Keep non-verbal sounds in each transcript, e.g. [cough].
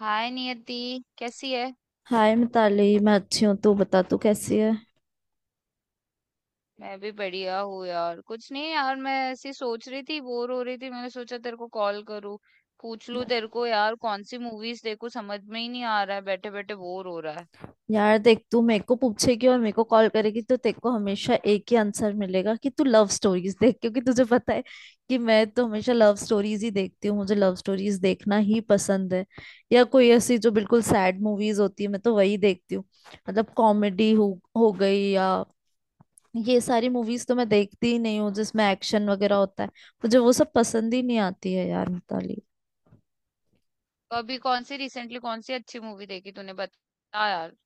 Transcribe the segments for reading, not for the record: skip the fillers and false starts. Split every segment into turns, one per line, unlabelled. हाय नियति। कैसी है।
हाय मिताली, मैं अच्छी हूँ। तू बता, तू कैसी है?
मैं भी बढ़िया हूँ यार। कुछ नहीं यार, मैं ऐसी सोच रही थी, बोर हो रही थी, मैंने सोचा तेरे को कॉल करूँ, पूछ लूँ तेरे को यार कौन सी मूवीज देखूँ। समझ में ही नहीं आ रहा है, बैठे बैठे बोर हो रहा है।
यार देख, तू मेरे को पूछेगी और मेरे को कॉल करेगी तो तेरे को हमेशा एक ही आंसर मिलेगा कि तू लव स्टोरीज देख, क्योंकि तुझे पता है कि मैं तो हमेशा लव स्टोरीज ही देखती हूँ। मुझे लव स्टोरीज देखना ही पसंद है, या कोई ऐसी जो बिल्कुल सैड मूवीज होती है, मैं तो वही देखती हूँ। मतलब कॉमेडी हो गई या ये सारी मूवीज तो मैं देखती ही नहीं हूँ जिसमें एक्शन वगैरह होता है। मुझे वो सब पसंद ही नहीं आती है यार मिताली।
तो अभी कौन सी रिसेंटली कौन सी अच्छी मूवी देखी तूने, बता यार।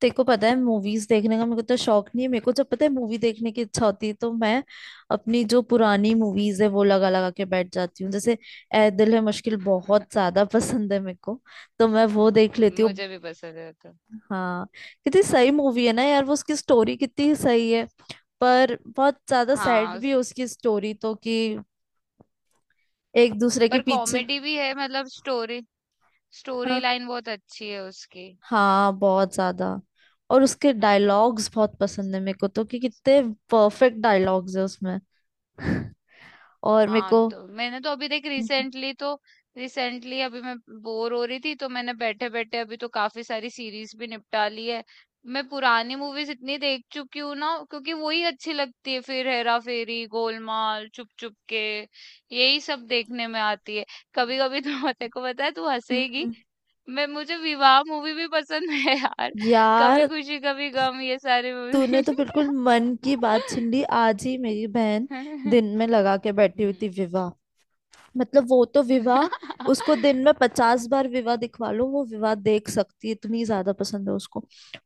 तेरे को पता है, मूवीज देखने का मेरे को तो शौक नहीं है। मेरे को जब पता है मूवी देखने की इच्छा होती है तो मैं अपनी जो पुरानी मूवीज है वो लगा लगा के बैठ जाती हूँ। जैसे ए दिल है मुश्किल बहुत
[laughs]
ज्यादा पसंद है मेरे को, तो मैं वो देख लेती हूँ।
मुझे भी पसंद है तो।
हाँ, कितनी सही मूवी है ना यार वो। उसकी स्टोरी कितनी सही है, पर बहुत ज्यादा सैड
हाँ।
भी है उसकी स्टोरी तो, कि एक दूसरे के
पर
पीछे।
कॉमेडी भी है, मतलब स्टोरी, स्टोरी
हाँ।
लाइन बहुत अच्छी है उसकी।
हाँ, बहुत ज्यादा। और उसके डायलॉग्स बहुत पसंद है मेरे को, तो कि कितने परफेक्ट डायलॉग्स है उसमें। और मेरे
हाँ,
को
तो मैंने तो अभी देख
हम्म।
रिसेंटली तो रिसेंटली अभी मैं बोर हो रही थी तो मैंने बैठे बैठे अभी तो काफी सारी सीरीज भी निपटा ली है। मैं पुरानी मूवीज इतनी देख चुकी हूँ ना, क्योंकि वही अच्छी लगती है। फिर हेरा फेरी, गोलमाल, चुप चुप के, यही सब देखने में आती है। कभी कभी तो [laughs] तेरे को पता है, तू हंसेगी।
हम्म।
मैं मुझे विवाह मूवी भी पसंद है यार। कभी
यार
खुशी कभी गम, ये सारी
तूने
मूवी।
तो बिल्कुल मन की बात छीन ली आज ही मेरी बहन। दिन
[laughs]
में लगा के बैठी हुई
हम्म।
थी विवाह। मतलब वो तो विवाह, उसको दिन में
[laughs]
पचास बार विवाह दिखवा लो वो विवाह देख सकती है, इतनी ज्यादा पसंद है उसको।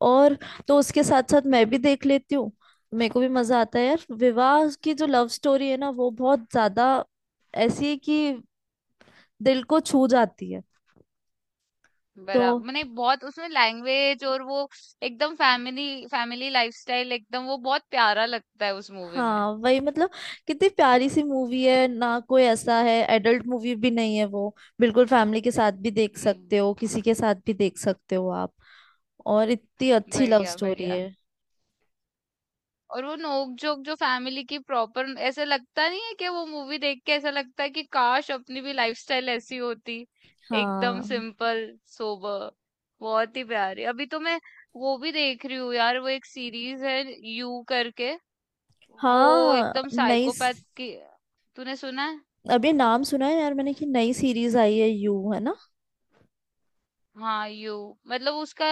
और तो उसके साथ साथ मैं भी देख लेती हूँ। मेरे को भी मजा आता है यार। विवाह की जो लव स्टोरी है ना वो बहुत ज्यादा ऐसी है कि दिल को छू जाती है तो।
बराबर, मैंने बहुत उसमें लैंग्वेज और वो एकदम फैमिली फैमिली लाइफस्टाइल एकदम वो बहुत प्यारा लगता है उस मूवी में।
हाँ वही, मतलब कितनी प्यारी सी मूवी है ना। कोई ऐसा है, एडल्ट मूवी भी नहीं है वो, बिल्कुल फैमिली के साथ भी देख
हम्म।
सकते हो, किसी के साथ भी देख सकते हो आप। और इतनी अच्छी लव
बढ़िया
स्टोरी
बढ़िया।
है।
और वो नोक जोक जो फैमिली की प्रॉपर, ऐसे लगता नहीं है कि वो मूवी देख के ऐसा लगता है कि काश अपनी भी लाइफस्टाइल ऐसी होती। एकदम
हाँ।
सिंपल, सोबर, बहुत ही प्यारी। अभी तो मैं वो भी देख रही हूँ यार, वो एक सीरीज है यू करके। वो
हाँ।
एकदम साइकोपैथ की। तूने सुना है?
अभी नाम सुना है यार मैंने कि नई सीरीज आई है यू, है ना।
हाँ, यू मतलब उसका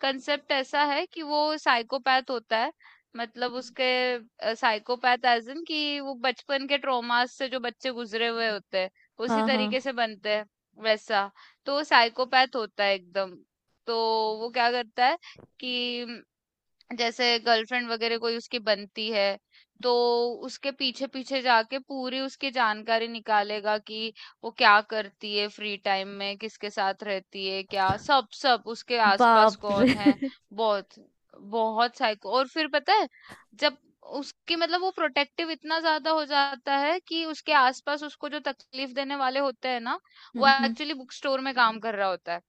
कंसेप्ट ऐसा है कि वो साइकोपैथ होता है। मतलब उसके साइकोपैथ एज इन कि वो बचपन के ट्रॉमास से जो बच्चे गुजरे हुए होते हैं, उसी
हाँ।
तरीके
हाँ।
से बनते हैं, वैसा। तो वो साइकोपैथ होता है एकदम। तो वो क्या करता है कि जैसे गर्लफ्रेंड वगैरह कोई उसकी बनती है, तो उसके पीछे पीछे जाके पूरी उसकी जानकारी निकालेगा कि वो क्या करती है, फ्री टाइम में किसके साथ रहती है, क्या सब सब उसके आसपास
बाप रे।
कौन है।
[laughs]
बहुत बहुत साइको। और फिर पता है, जब उसकी मतलब वो प्रोटेक्टिव इतना ज्यादा हो जाता है कि उसके आसपास उसको जो तकलीफ देने वाले होते हैं ना,
हम्म,
वो
हम्म।
एक्चुअली बुक स्टोर में काम कर रहा होता है।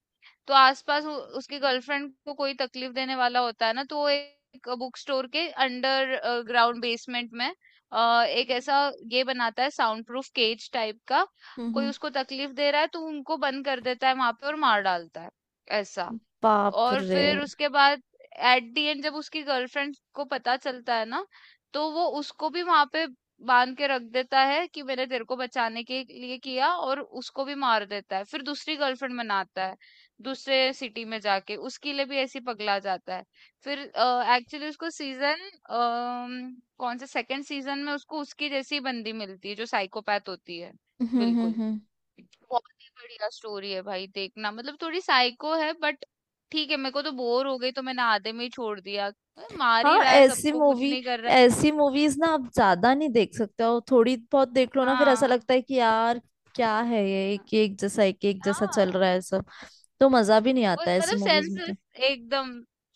तो आसपास उ उसकी गर्लफ्रेंड को कोई तकलीफ देने वाला होता है ना, तो वो एक बुक स्टोर के अंडर ग्राउंड बेसमेंट में एक ऐसा ये बनाता है साउंड प्रूफ केज टाइप का।
हम्म,
कोई
हम्म।
उसको तकलीफ दे रहा है तो उनको बंद कर देता है वहाँ पे और मार डालता है, ऐसा।
बाप
और
रे।
फिर उसके बाद एट द एंड जब उसकी गर्लफ्रेंड को पता चलता है ना, तो वो उसको भी वहां पे बांध के रख देता है कि मैंने तेरे को बचाने के लिए किया, और उसको भी मार देता है। फिर दूसरी गर्लफ्रेंड बनाता है दूसरे सिटी में जाके, उसके लिए भी ऐसी पगला जाता है। फिर एक्चुअली उसको सीजन कौन से सेकंड सीजन में उसको उसकी जैसी बंदी मिलती है जो साइकोपैथ होती है।
हम्म, हम्म,
बिल्कुल,
हम्म।
बहुत ही बढ़िया स्टोरी है भाई, देखना। मतलब थोड़ी साइको है बट ठीक है। मेरे को तो बोर हो गई तो मैंने आधे में ही छोड़ दिया, अरे मार ही
हाँ
रहा है
ऐसी
सबको, कुछ
मूवी,
नहीं कर रहा है।
ऐसी मूवीज ना आप ज्यादा नहीं देख सकते हो। थोड़ी बहुत देख लो ना, फिर ऐसा
हाँ
लगता है कि यार क्या है ये,
हाँ
एक एक जैसा, एक एक जैसा चल
हाँ।
रहा है सब। तो मजा भी नहीं
वो
आता है ऐसी
मतलब
मूवीज में तो।
सेंसलेस, एकदम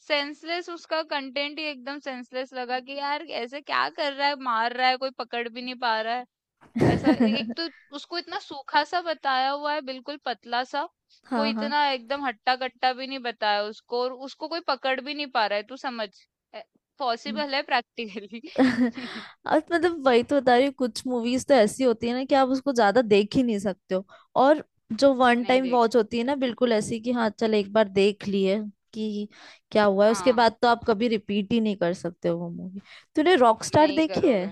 सेंसलेस, उसका कंटेंट ही एकदम सेंसलेस लगा कि यार ऐसे क्या कर रहा है, मार रहा है, कोई पकड़ भी नहीं पा रहा है। ऐसा। एक
[laughs]
तो उसको इतना सूखा सा बताया हुआ है, बिल्कुल पतला सा। कोई
हाँ।
इतना एकदम हट्टा कट्टा भी नहीं बताया उसको, और उसको कोई पकड़ भी नहीं पा रहा है, तू समझ,
हाँ।
पॉसिबल है प्रैक्टिकली।
[laughs]
[laughs]
अब मतलब वही तो बता रही हूँ, कुछ मूवीज तो ऐसी होती है ना कि आप उसको ज्यादा देख ही नहीं सकते हो। और जो वन
नहीं
टाइम
देख
वॉच होती है
सकते।
ना, बिल्कुल ऐसी कि हाँ चल एक बार देख लिए कि क्या हुआ है, उसके
हाँ,
बाद तो आप कभी रिपीट ही नहीं कर सकते हो वो मूवी। तूने रॉकस्टार
नहीं
देखी है?
करोगे।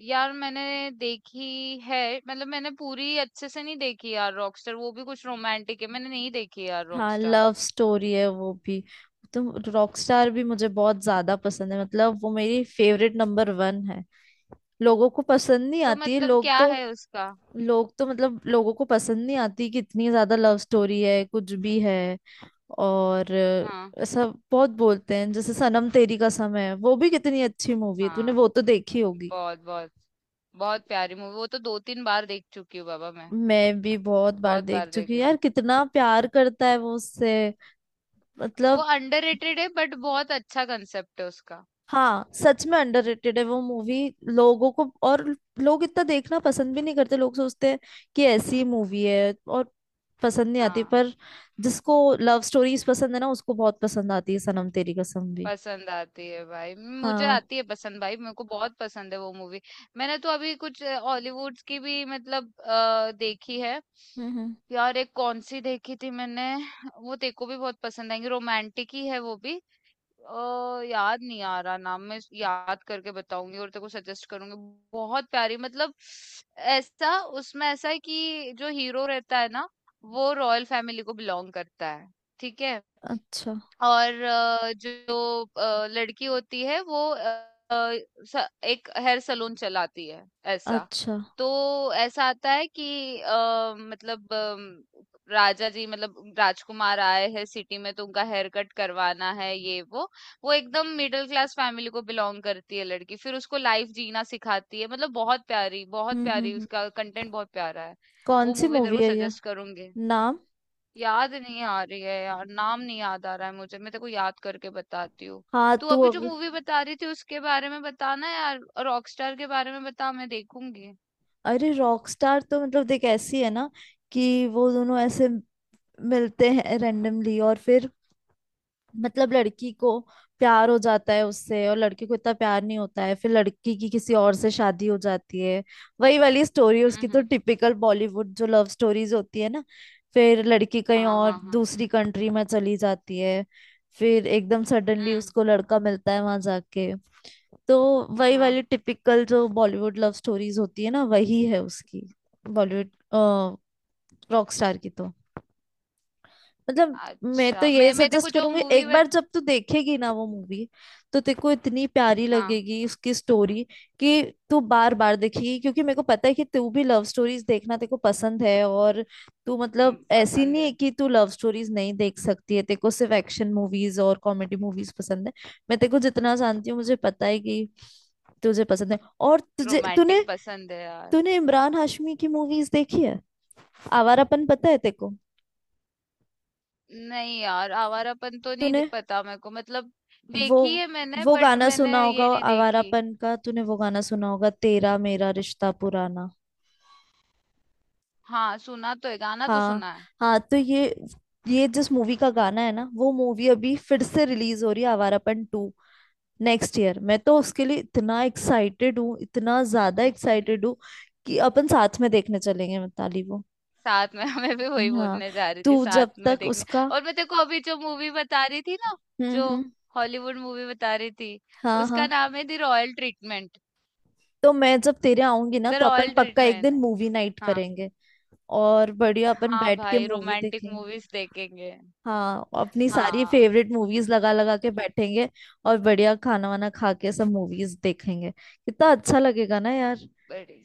यार मैंने देखी है, मतलब मैंने पूरी अच्छे से नहीं देखी यार रॉकस्टार, वो भी कुछ रोमांटिक है, मैंने नहीं देखी यार
हाँ
रॉकस्टार।
लव स्टोरी है वो भी, तो रॉकस्टार भी मुझे बहुत ज्यादा पसंद है। मतलब वो मेरी फेवरेट नंबर वन है। लोगों को पसंद नहीं
तो
आती है,
मतलब
लोग
क्या
तो,
है उसका?
लोग तो मतलब लोगों को पसंद नहीं आती कि इतनी ज्यादा लव स्टोरी है कुछ भी है और
हाँ
ऐसा बहुत बोलते हैं। जैसे सनम तेरी कसम है, वो भी कितनी अच्छी मूवी है। तूने वो
हाँ,
तो देखी होगी।
बहुत बहुत बहुत प्यारी मूवी, वो तो दो तीन बार देख चुकी हूँ बाबा मैं।
मैं भी बहुत बार
बहुत
देख
बार
चुकी
देखी
हूँ।
हूँ।
यार कितना प्यार करता है वो उससे,
वो
मतलब।
अंडररेटेड है बट बहुत अच्छा कंसेप्ट है उसका।
हाँ सच में अंडररेटेड है वो मूवी। लोगों को, और लोग इतना देखना पसंद भी नहीं करते। लोग सोचते हैं कि ऐसी मूवी है और पसंद नहीं आती,
हाँ,
पर जिसको लव स्टोरीज पसंद है ना उसको बहुत पसंद आती है सनम तेरी कसम भी।
पसंद आती है भाई। मुझे
हाँ।
आती है पसंद भाई, मेरे को बहुत पसंद है वो मूवी। मैंने तो अभी कुछ हॉलीवुड की भी मतलब देखी है।
हम्म, हम्म।
यार एक कौन सी देखी थी मैंने, वो तेको भी बहुत पसंद आएंगी, रोमांटिक ही है वो भी। याद नहीं आ रहा नाम, मैं याद करके बताऊंगी और तेरे को सजेस्ट करूंगी। बहुत प्यारी मतलब, ऐसा उसमें ऐसा है कि जो हीरो रहता है ना, वो रॉयल फैमिली को बिलोंग करता है, ठीक है।
अच्छा।
और जो लड़की होती है, वो एक हेयर सलून चलाती है, ऐसा।
अच्छा।
तो ऐसा आता है कि मतलब राजा जी मतलब राजकुमार आए हैं सिटी में, तो उनका हेयर कट करवाना है ये वो। वो एकदम मिडिल क्लास फैमिली को बिलोंग करती है लड़की, फिर उसको लाइफ जीना सिखाती है, मतलब बहुत प्यारी बहुत
हम्म,
प्यारी,
हम्म।
उसका कंटेंट बहुत प्यारा है।
कौन
वो
सी
मूवी तेरे
मूवी
को
है ये?
सजेस्ट करूंगी।
नाम?
याद नहीं आ रही है यार, नाम नहीं याद आ रहा है मुझे, मैं तेको याद करके बताती हूँ।
हाँ,
तू अभी जो मूवी बता रही थी उसके बारे में बताना यार, रॉकस्टार के बारे में बता, मैं देखूंगी।
अरे रॉकस्टार तो मतलब देख, ऐसी है ना कि वो दोनों ऐसे मिलते हैं रेंडमली और फिर मतलब लड़की को प्यार हो जाता है उससे, और लड़के को इतना प्यार नहीं होता है। फिर लड़की की किसी और से शादी हो जाती है। वही वाली स्टोरी है उसकी
हम्म।
तो,
हम्म।
टिपिकल बॉलीवुड जो लव स्टोरीज होती है ना। फिर लड़की कहीं
हाँ
और
हाँ हाँ।
दूसरी कंट्री में चली जाती है, फिर एकदम सडनली
हम्म।
उसको लड़का मिलता है वहां जाके। तो वही वाली
हाँ।
टिपिकल जो बॉलीवुड लव स्टोरीज होती है ना, वही है उसकी। बॉलीवुड रॉक स्टार की तो मतलब, मैं तो
अच्छा,
ये
मैं तेको
सजेस्ट
जो
करूंगी।
मूवी
एक बार जब तू देखेगी ना वो मूवी, तो तेरे को इतनी प्यारी
हाँ।
लगेगी उसकी स्टोरी कि तू बार बार देखेगी। क्योंकि मेरे को पता है कि तू भी लव स्टोरीज देखना तेरे को पसंद है। और तू मतलब ऐसी
पसंद
नहीं है
है।
कि तू लव स्टोरीज नहीं देख सकती है, तेरे को सिर्फ एक्शन मूवीज और कॉमेडी मूवीज पसंद है। मैं तेरे को जितना जानती हूँ, मुझे पता है कि तुझे पसंद है। और तुझे, तूने,
रोमांटिक पसंद है यार।
तूने इमरान हाशमी की मूवीज देखी है? आवारापन, पता है तेरे को?
नहीं यार, आवारापन तो नहीं
तूने
पता मेरे को मतलब।
वो
देखी है मैंने
वो
बट
गाना
मैंने
सुना
ये
होगा
नहीं देखी।
आवारापन का, तूने वो गाना सुना होगा, तेरा मेरा रिश्ता पुराना।
हाँ सुना तो है, गाना तो
हाँ।
सुना है।
हाँ तो ये जिस मूवी का गाना है ना, वो मूवी अभी फिर से रिलीज हो रही है, आवारापन टू, नेक्स्ट ईयर। मैं तो उसके लिए इतना एक्साइटेड हूँ, इतना ज्यादा एक्साइटेड हूँ
[laughs]
कि अपन साथ में देखने चलेंगे मिताली वो।
साथ में [laughs] मैं भी वही
हाँ
बोलने जा रही थी,
तू
साथ
जब
में
तक
देखने।
उसका।
और मैं तेरे को अभी जो मूवी बता रही थी ना, जो
हम्म, हम्म।
हॉलीवुड मूवी बता रही थी,
हाँ। हाँ।
उसका नाम है द रॉयल ट्रीटमेंट।
तो मैं जब तेरे आऊंगी ना
द
तो अपन
रॉयल
पक्का एक
ट्रीटमेंट
दिन
है।
मूवी नाइट
हाँ।
करेंगे। और बढ़िया अपन
हाँ
बैठ के
भाई,
मूवी
रोमांटिक
देखेंगे।
मूवीज देखेंगे।
हाँ अपनी सारी
हाँ।
फेवरेट मूवीज लगा लगा के बैठेंगे। और बढ़िया खाना वाना खा के सब मूवीज देखेंगे। कितना अच्छा लगेगा ना यार।
बड़ी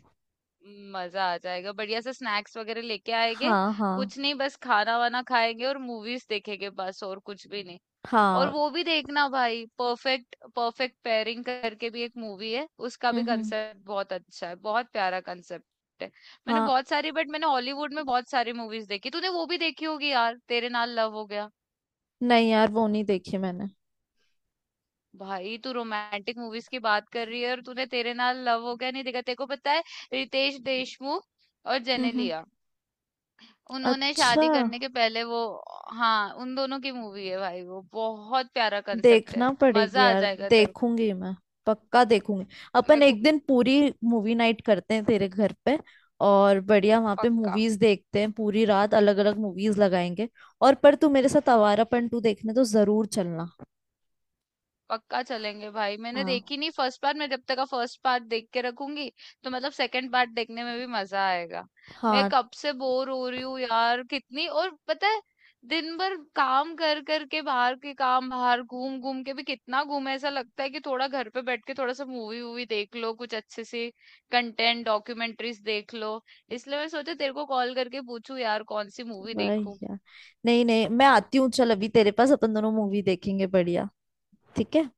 मजा आ जाएगा, बढ़िया से स्नैक्स वगैरह लेके आएंगे।
हाँ, हाँ।
कुछ नहीं, बस खाना वाना खाएंगे और मूवीज देखेंगे, बस और कुछ भी नहीं। और
हाँ।
वो भी देखना भाई, परफेक्ट परफेक्ट पेयरिंग करके भी एक मूवी है, उसका
हम्म,
भी
हम्म।
कंसेप्ट बहुत अच्छा है, बहुत प्यारा कंसेप्ट है। मैंने
हाँ
बहुत सारी बट मैंने, हॉलीवुड में बहुत सारी मूवीज देखी, तूने वो भी देखी होगी यार, तेरे नाल लव हो गया।
नहीं यार वो नहीं देखी मैंने।
भाई तू रोमांटिक मूवीज की बात कर रही है और तूने तेरे नाल लव हो गया नहीं देखा? तेरे को पता है, रितेश देशमुख और
हम्म, हम्म।
जेनेलिया, उन्होंने
अच्छा।
शादी करने के पहले वो। हाँ, उन दोनों की मूवी है भाई, वो बहुत प्यारा कंसेप्ट है।
देखना पड़ेगी
मजा आ
यार,
जाएगा तेरे को।
देखूंगी मैं। पक्का देखूंगी। अपन
मेरे को
एक दिन पूरी मूवी नाइट करते हैं तेरे घर पे। और बढ़िया वहां पे
पक्का।
मूवीज देखते हैं पूरी रात, अलग अलग मूवीज लगाएंगे। और पर तू मेरे साथ आवारा पंटू देखने तो जरूर चलना।
पक्का चलेंगे भाई, मैंने
हाँ।
देखी नहीं फर्स्ट पार्ट, मैं जब तक का फर्स्ट पार्ट देख के रखूंगी तो मतलब सेकंड पार्ट देखने में भी मजा आएगा। मैं
हाँ
कब से बोर हो रही हूँ यार कितनी, और पता है, दिन भर काम कर कर के, बाहर के काम, बाहर घूम घूम के भी कितना घूमे, ऐसा लगता है कि थोड़ा घर पे बैठ के थोड़ा सा मूवी वूवी देख लो, कुछ अच्छे से कंटेंट, डॉक्यूमेंट्रीज देख लो। इसलिए मैं सोचा तेरे को कॉल करके पूछूं यार कौन सी मूवी
भाई
देखूं।
यार। नहीं नहीं, मैं आती हूँ, चल अभी तेरे पास, अपन दोनों मूवी देखेंगे बढ़िया। ठीक है।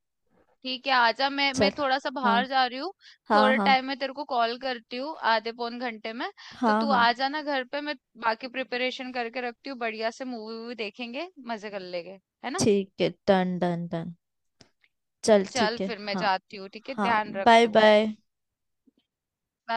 ठीक है, आजा। मैं
चल।
मैं थोड़ा सा
हाँ।
बाहर जा रही हूँ।
हाँ,
थोड़े
हाँ।
टाइम में तेरे को कॉल करती हूँ, आधे पौन घंटे में। तो
हाँ।
तू
हाँ
आ जाना घर पे, मैं बाकी प्रिपरेशन करके रखती हूँ, बढ़िया से मूवी वूवी देखेंगे, मजे कर लेंगे। है ना?
ठीक है, डन डन डन। चल
चल
ठीक है।
फिर मैं
हाँ।
जाती हूँ, ठीक है,
हाँ
ध्यान रख
बाय
तू।
बाय।
बाय।